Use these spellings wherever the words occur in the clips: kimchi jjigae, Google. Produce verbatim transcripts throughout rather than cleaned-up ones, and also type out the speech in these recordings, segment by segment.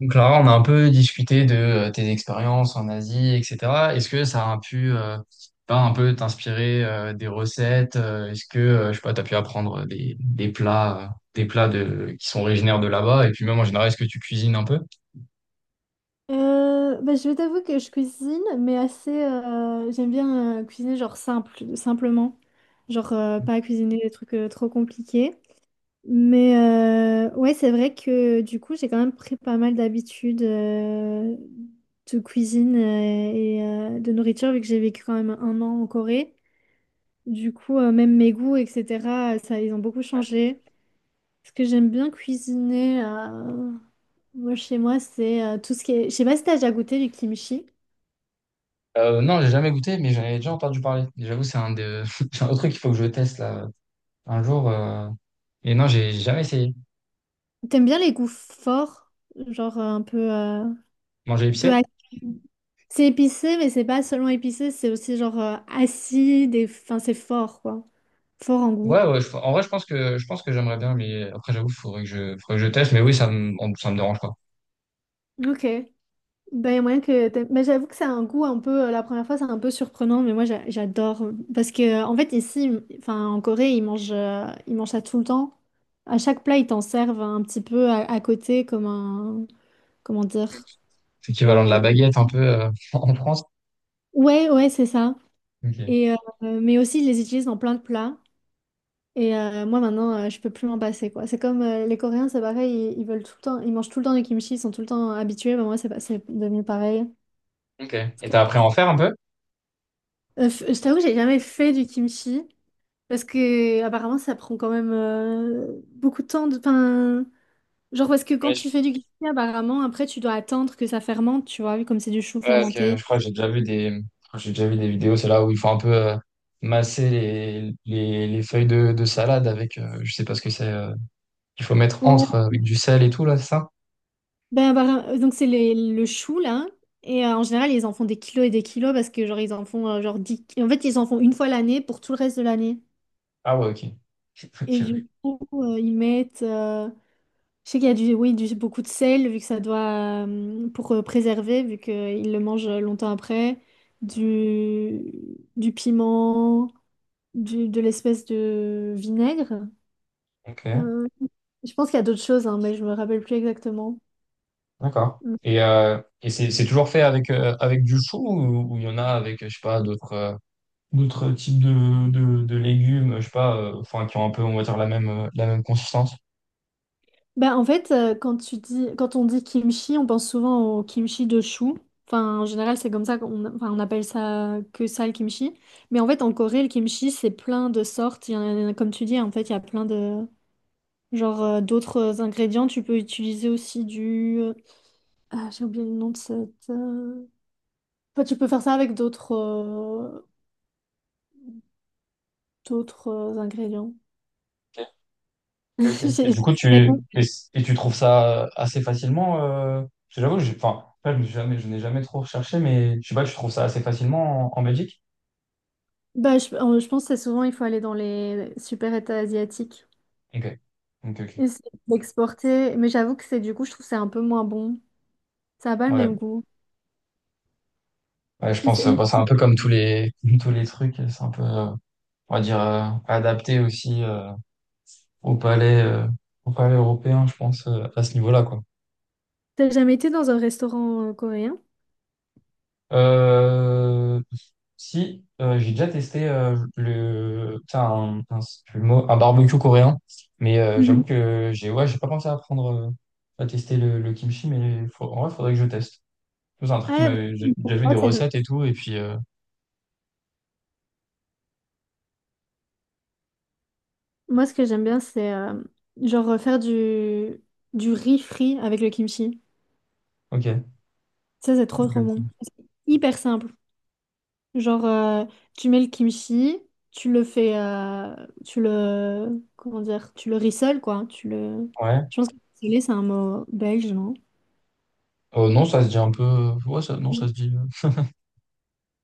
Donc Clara, on a un peu discuté de euh, tes expériences en Asie, et cetera. Est-ce que ça a pu euh, ben, un peu t'inspirer euh, des recettes? Euh, est-ce que euh, je sais pas, t'as pu apprendre des, des plats, euh, des plats de, qui sont originaires de là-bas? Et puis même en général, est-ce que tu cuisines un peu? Euh, bah, je vais t'avouer que je cuisine, mais assez. Euh, j'aime bien euh, cuisiner genre simple, simplement. Genre euh, pas cuisiner des trucs euh, trop compliqués. Mais euh, ouais, c'est vrai que du coup, j'ai quand même pris pas mal d'habitudes euh, de cuisine euh, et euh, de nourriture, vu que j'ai vécu quand même un an en Corée. Du coup, euh, même mes goûts, et cetera, ça, ils ont beaucoup changé. Ce que j'aime bien cuisiner, euh, moi, chez moi, c'est euh, tout ce qui est. Je sais pas si t'as déjà goûté du kimchi. Euh, non, j'ai jamais goûté, mais j'en ai déjà entendu parler. Et j'avoue, c'est un de... c'est un autre truc qu'il faut que je teste là un jour. euh, Et non, j'ai jamais essayé. T'aimes bien les goûts forts, genre euh, un peu, euh, un Manger peu épicé? ac- C'est épicé, mais c'est pas seulement épicé, c'est aussi genre euh, acide et enfin c'est fort quoi, fort en goût. Ouais, ouais, je- en vrai, je pense que je pense que j'aimerais bien, mais après, j'avoue, il faudrait que je faudrait que je teste. Mais oui, ça me ça me dérange pas. Ok. Ben y a moyen que t'aimes- mais j'avoue que c'est un goût un peu, euh, la première fois c'est un peu surprenant, mais moi j'a- j'adore euh, parce que euh, en fait ici, ils- enfin en Corée ils mangent, euh, ils mangent ça tout le temps. À chaque plat ils t'en servent un petit peu à, à côté comme un, comment dire, C'est un l'équivalent de peu. la baguette un peu euh, en France. Ouais, ouais, c'est ça. Ok. Et euh, mais aussi ils les utilisent dans plein de plats. Et euh, moi maintenant, euh, je peux plus m'en passer quoi. C'est comme euh, les Coréens, c'est pareil, ils, ils veulent tout le temps, ils mangent tout le temps du kimchi, ils sont tout le temps habitués. Bah, moi, c'est pas- c'est devenu pareil. Ok. Parce Et t'as que- appris à en faire un peu? euh, f- je t'avoue que j'ai jamais fait du kimchi parce que apparemment, ça prend quand même euh, beaucoup de temps. De, enfin, genre parce que quand Ouais, je, tu fais du kimchi, apparemment, après, tu dois attendre que ça fermente, tu vois, comme c'est du chou ouais, ok. fermenté. Je crois que j'ai déjà vu des, j'ai déjà vu des vidéos, c'est là où il faut un peu euh, masser les, les, les feuilles de, de salade avec, euh, je sais pas ce que c'est, euh, qu'il faut mettre Ouais. entre euh, avec du sel et tout là, c'est ça? Ben, apparem- euh, donc c'est les- le chou là. Et euh, en général, ils en font des kilos et des kilos parce que genre ils en font euh, genre dix... En fait, ils en font une fois l'année pour tout le reste de l'année. Ah ouais, ok. Et du coup, euh, ils mettent. Euh, je sais qu'il y a du, oui, du, beaucoup de sel, vu que ça doit. Euh, pour euh, préserver, vu qu'ils le mangent euh, longtemps après. Du, du piment, du, de l'espèce de vinaigre. Ok, ok, Euh, je pense qu'il y a d'autres choses, hein, mais je me rappelle plus exactement. d'accord. Et, euh, et c'est c'est toujours fait avec, euh, avec du chou ou ou il y en a avec, je sais pas, d'autres euh, d'autres types de, de, de légumes, je sais pas, euh, enfin, qui ont un peu, on va dire, la même, euh, la même consistance? Bah, en fait, euh, quand tu dis, quand on dit kimchi, on pense souvent au kimchi de chou. Enfin, en général, c'est comme ça qu'on enfin, on appelle ça que ça le kimchi. Mais en fait, en Corée, le kimchi, c'est plein de sortes. Il y en a, comme tu dis, en fait, il y a plein de genre, euh, d'autres ingrédients. Tu peux utiliser aussi du. euh, Ah, j'ai oublié le nom de cette. euh, Enfin, tu peux faire ça avec d'autres euh, d'autres euh, ingrédients. Ok, ok. ok. Et J'ai- du coup, tu, et, Et tu trouves ça euh, assez facilement, euh, parce que j'avoue, j'ai- enfin, là, je me suis jamais, je n'ai jamais trop recherché, mais je sais pas, tu trouves ça assez facilement en, en Belgique? Bah, je, euh, je pense que c'est souvent, il faut aller dans les super états asiatiques. Ok, ok, ok. Essayer de l'exporter, mais j'avoue que c'est du coup, je trouve que c'est un peu moins bon. Ça n'a pas le Ouais, même goût. ouais, je pense, C'est- euh, mais bah, c'est un peu comme tous les, tous les trucs, c'est un peu, euh, on va dire, euh, adapté aussi euh, au palais, euh, au palais européen, je pense, euh, à ce niveau-là, quoi. t'as jamais été dans un restaurant euh, coréen? Euh, Si, euh, j'ai déjà testé euh, le, putain, un, un- c'est plus le mot, un barbecue coréen, mais euh, Mhm. j'avoue que j'ai ouais, j'ai pas pensé à prendre, euh, à tester le, le kimchi, mais faut, en vrai, faudrait que je teste. C'est un truc qui Ouais, m'avait, J'ai déjà vu des bah. ça doit- recettes et tout, et puis, euh, Moi, ce que j'aime bien, c'est euh, genre euh, faire du, du riz frit avec le kimchi. ok. Ça, c'est trop trop bon. Ok. C'est hyper simple. Genre, euh, tu mets le kimchi, tu le fais, euh, tu le, comment dire, tu le rissoles, quoi. Tu le. Ouais. Je pense que rissoler, c'est un mot belge, non? Euh, non, ça se dit un peu, euh, ouais, ça, non, ça se dit. euh,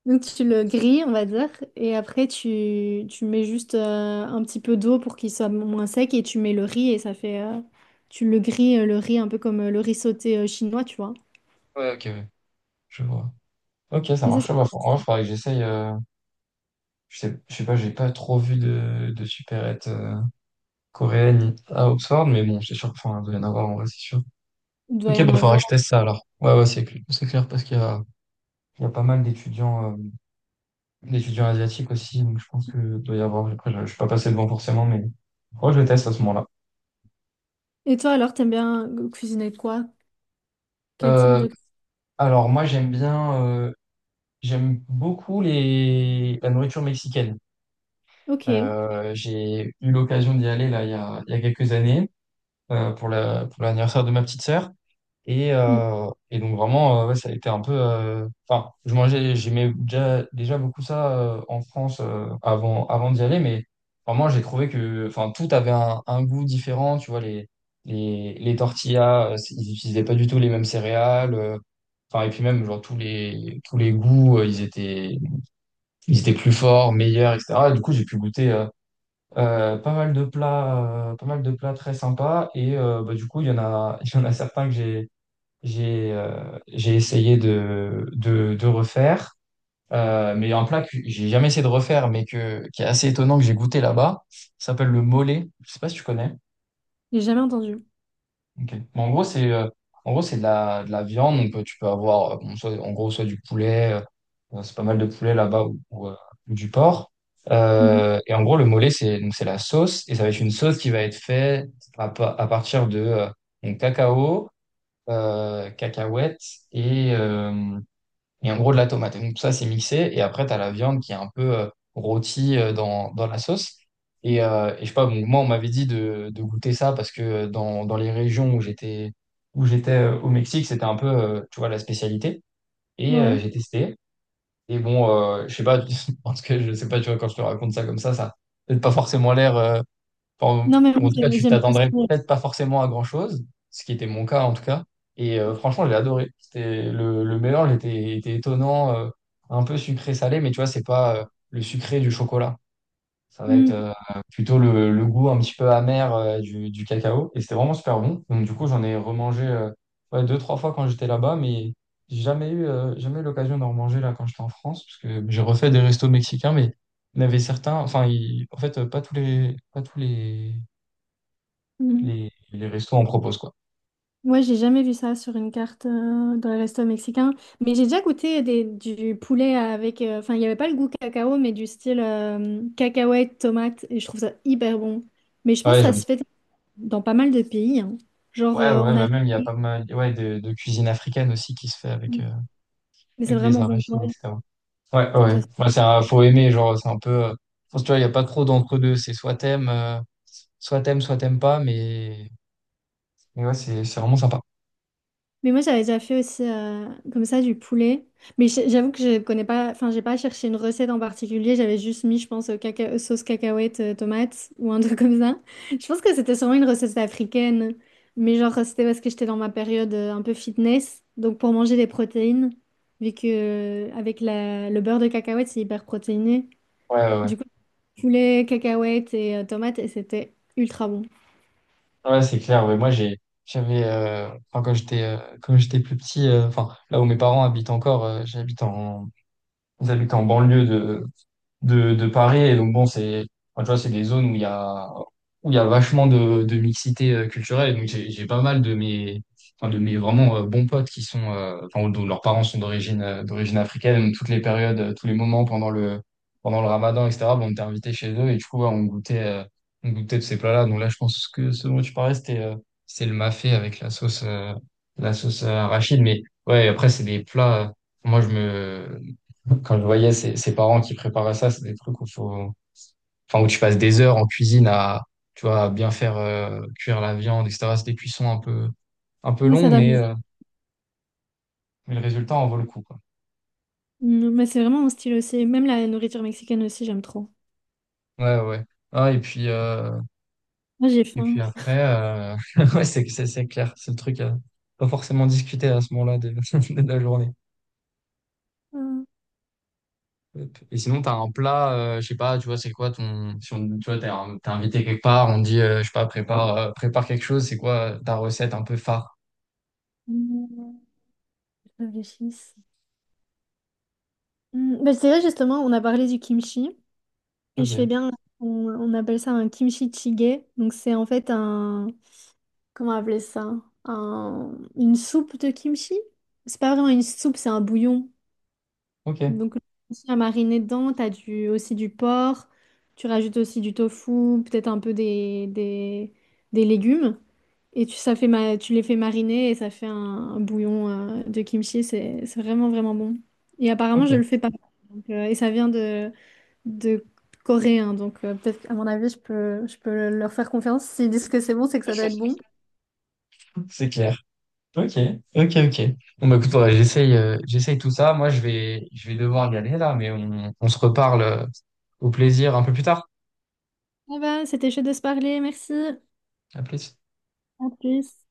Donc tu le grilles, on va dire, et après tu, tu mets juste euh, un petit peu d'eau pour qu'il soit moins sec et tu mets le riz et ça fait, euh, tu le grilles, euh, le riz, un peu comme euh, le riz sauté euh, chinois, tu vois. Ouais, ok, ouais, je vois. Ok, ça Et ça, ça- marche. Ouais, bah, faut- en vrai, faudrait que j'essaye. Euh, je sais, je sais pas, j'ai pas trop vu de, de supérettes euh, coréenne à Oxford, mais bon, c'est sûr qu'il doit y en avoir en vrai, c'est sûr. il doit Ok, y en bah faudra avoir. que je teste ça alors. Ouais, ouais, c'est clair, c'est clair parce qu'il y a, il y a pas mal d'étudiants euh, d'étudiants asiatiques aussi, donc je pense que doit y avoir. Après, je ne suis pas passé devant forcément, mais ouais, je le teste à ce moment-là. Et toi alors, t'aimes bien cuisiner quoi? Quel type Euh, de. alors moi, j'aime bien, euh, j'aime beaucoup les la nourriture mexicaine. Ok. Euh, j'ai eu l'occasion d'y aller là il y a, il y a quelques années euh, pour la pour l'anniversaire de ma petite sœur. Et, Mm. euh, et donc vraiment, euh, ouais, ça a été un peu... euh, Enfin, je mangeais, j'aimais déjà, déjà beaucoup ça euh, en France euh, avant, avant d'y aller, mais vraiment, j'ai trouvé que enfin, tout avait un, un goût différent. Tu vois, les, les, les tortillas, euh, c'est- ils n'utilisaient pas du tout les mêmes céréales. euh, Enfin, et puis même, genre, tous les, tous les goûts, euh, ils étaient, ils étaient plus forts, meilleurs, et cetera. Et du coup, j'ai pu goûter euh, euh, pas mal de plats, euh, pas mal de plats très sympas. Et euh, bah, du coup, il y en a, il y en a certains que j'ai j'ai euh, j'ai essayé de, de, de refaire, euh, mais un plat que j'ai jamais essayé de refaire, mais que, qui est assez étonnant que j'ai goûté là-bas, ça s'appelle le mollet. Je sais pas si tu connais. J'ai jamais entendu. Ok. Mais en gros, c'est euh, en gros, c'est de la, de la viande. Donc, euh, tu peux avoir, euh, bon, soit- en gros, soit du poulet, euh, euh, c'est pas mal de poulet là-bas, ou, ou, euh, ou du porc. Mhm. Euh, et en gros, le mollet, c'est donc c'est la sauce, et ça va être une sauce qui va être faite à, pa- à partir de euh, donc, cacao, euh, cacahuètes et... euh, et en gros de la tomate. Et donc tout ça, c'est mixé. Et après, tu as la viande qui est un peu euh, rôtie euh, dans, dans la sauce. Et, euh, et je sais pas, bon, moi, on m'avait dit de, de goûter ça parce que euh, dans, dans les régions où j'étais où j'étais euh, au Mexique, c'était un peu, euh, tu vois, la spécialité. Et euh, Ouais. j'ai testé. Et bon, euh, je sais pas, parce que je sais pas, tu vois, quand je te raconte ça comme ça, ça n'a peut-être pas forcément l'air euh, enfin, Non mais ou moi, en tout cas, j'ai- tu j'aime bien t'attendrais aussi. peut-être pas forcément à grand-chose, ce qui était mon cas en tout cas. Et euh, franchement, j'ai adoré. C'était le, le mélange était, était étonnant, euh, un peu sucré-salé, mais tu vois, c'est pas euh, le sucré du chocolat. Ça va être euh, plutôt le, le goût un petit peu amer euh, du, du cacao. Et c'était vraiment super bon. Donc du coup, j'en ai remangé euh, ouais, deux, trois fois quand j'étais là-bas, mais j'ai jamais eu, euh, jamais eu l'occasion d'en remanger là quand j'étais en France, parce que j'ai refait des restos mexicains, mais il y en avait certains, enfin, il- en fait, euh, pas tous les, pas tous les Mm. les, les restos en proposent, quoi. Moi, j'ai jamais vu ça sur une carte, euh, dans les restos mexicains, mais j'ai déjà goûté des, du poulet avec. euh, Enfin, il n'y avait pas le goût cacao, mais du style euh, cacahuète, tomate, et je trouve ça hyper bon. Mais je pense que Ouais, ça j'aime. se fait dans pas mal de pays, hein. Genre Ouais, euh, ouais, en bah même il y Afrique, a pas mal ouais, de, de cuisine africaine aussi qui se fait avec, euh, mais c'est avec des vraiment bon. arachides, Ouais, et cetera. Ouais, ouais. je trouve ça. Ouais, ouais, c'est un- faut aimer, genre, c'est un peu. Euh, je pense, tu vois, il n'y a pas trop d'entre-deux. C'est soit t'aimes, euh, soit t'aimes, soit t'aimes, pas, mais, mais ouais, c'est c'est vraiment sympa. Mais moi, j'avais déjà fait aussi euh, comme ça du poulet. Mais j'- j'avoue que je connais pas, enfin, j'ai pas cherché une recette en particulier. J'avais juste mis, je pense, euh, caca- euh, sauce cacahuète, euh, tomate ou un truc comme ça. Je pense que c'était sûrement une recette africaine. Mais genre, c'était parce que j'étais dans ma période euh, un peu fitness. Donc, pour manger des protéines, vu que euh, avec la- le beurre de cacahuète, c'est hyper protéiné. Ouais, ouais, ouais. Du coup, poulet, cacahuète et euh, tomate, et c'était ultra bon. Ouais, c'est clair. Ouais, moi, j'ai, j'avais, euh, enfin, quand j'étais, euh, quand j'étais plus petit, euh, enfin, là où mes parents habitent encore, euh, j'habite en, j'habite en banlieue de, de, de Paris. Et donc, bon, c'est, enfin, tu vois, c'est des zones où il y a, où il y a vachement de, de mixité euh, culturelle. Et donc, j'ai, j'ai pas mal de mes, enfin, de mes vraiment euh, bons potes qui sont, euh, enfin, dont leurs parents sont d'origine, euh, d'origine africaine. Donc, toutes les périodes, euh, tous les moments pendant le, pendant le ramadan, et cetera, bon, on était invités chez eux. Et du coup, ouais, on goûtait, euh, on goûtait de ces plats-là. Donc, là, je pense que ce dont tu parlais, c'était, euh, c'est le mafé avec la sauce, euh, la sauce euh, arachide. Mais ouais, après, c'est des plats. euh, moi, je me, Quand je voyais ses, ses parents qui préparaient ça, c'est des trucs où faut, enfin, où tu passes des heures en cuisine à, tu vois, à bien faire euh, cuire la viande, et cetera. C'est des cuissons un peu, un peu Mais ça longs, donne. mais, euh, mais le résultat en vaut le coup, quoi. Mm, mais c'est vraiment mon style aussi. Même la nourriture mexicaine aussi, j'aime trop. Ouais, ouais. Ah, et puis, euh, Moi, j'ai et puis faim. après, euh, ouais, c'est, c'est, c'est clair. C'est le truc à pas forcément discuter à ce moment-là de, de la journée. Hmm. Hop. Et sinon, t'as un plat, euh, je sais pas, tu vois, c'est quoi ton, si on, tu vois, t'es un- t'es invité quelque part, on te dit, euh, je sais pas, prépare, euh, prépare quelque chose, c'est quoi euh, ta recette un peu phare? Mmh, je réfléchisse. Hmm, bah, c'est vrai, justement, on a parlé du kimchi et je fais Ok, bien, on, on appelle ça un kimchi jjigae. Donc, c'est en fait un, comment appeler ça? Un, une soupe de kimchi? C'est pas vraiment une soupe, c'est un bouillon. ok. Donc, le kimchi à mariner dedans, t'as du, aussi du porc, tu rajoutes aussi du tofu, peut-être un peu des, des, des légumes. Et tu, ça fait ma... tu les fais mariner et ça fait un, un bouillon euh, de kimchi. C'est c'est vraiment, vraiment bon. Et apparemment, je le Ok. fais pas. Donc, euh, et ça vient de, de Corée, hein. Donc, euh, peut-être qu'à mon avis, je peux, je peux leur faire confiance. S'ils disent que c'est bon, c'est que ça doit être bon. C'est clair. Ok, ok, ok. Bon, bah écoute, ouais, j'essaye euh, j'essaye tout ça. Moi, je vais, je vais devoir y aller là, mais on, on se reparle euh, au plaisir un peu plus tard. Ah va, c'était chaud de se parler. Merci. À plus. À plus.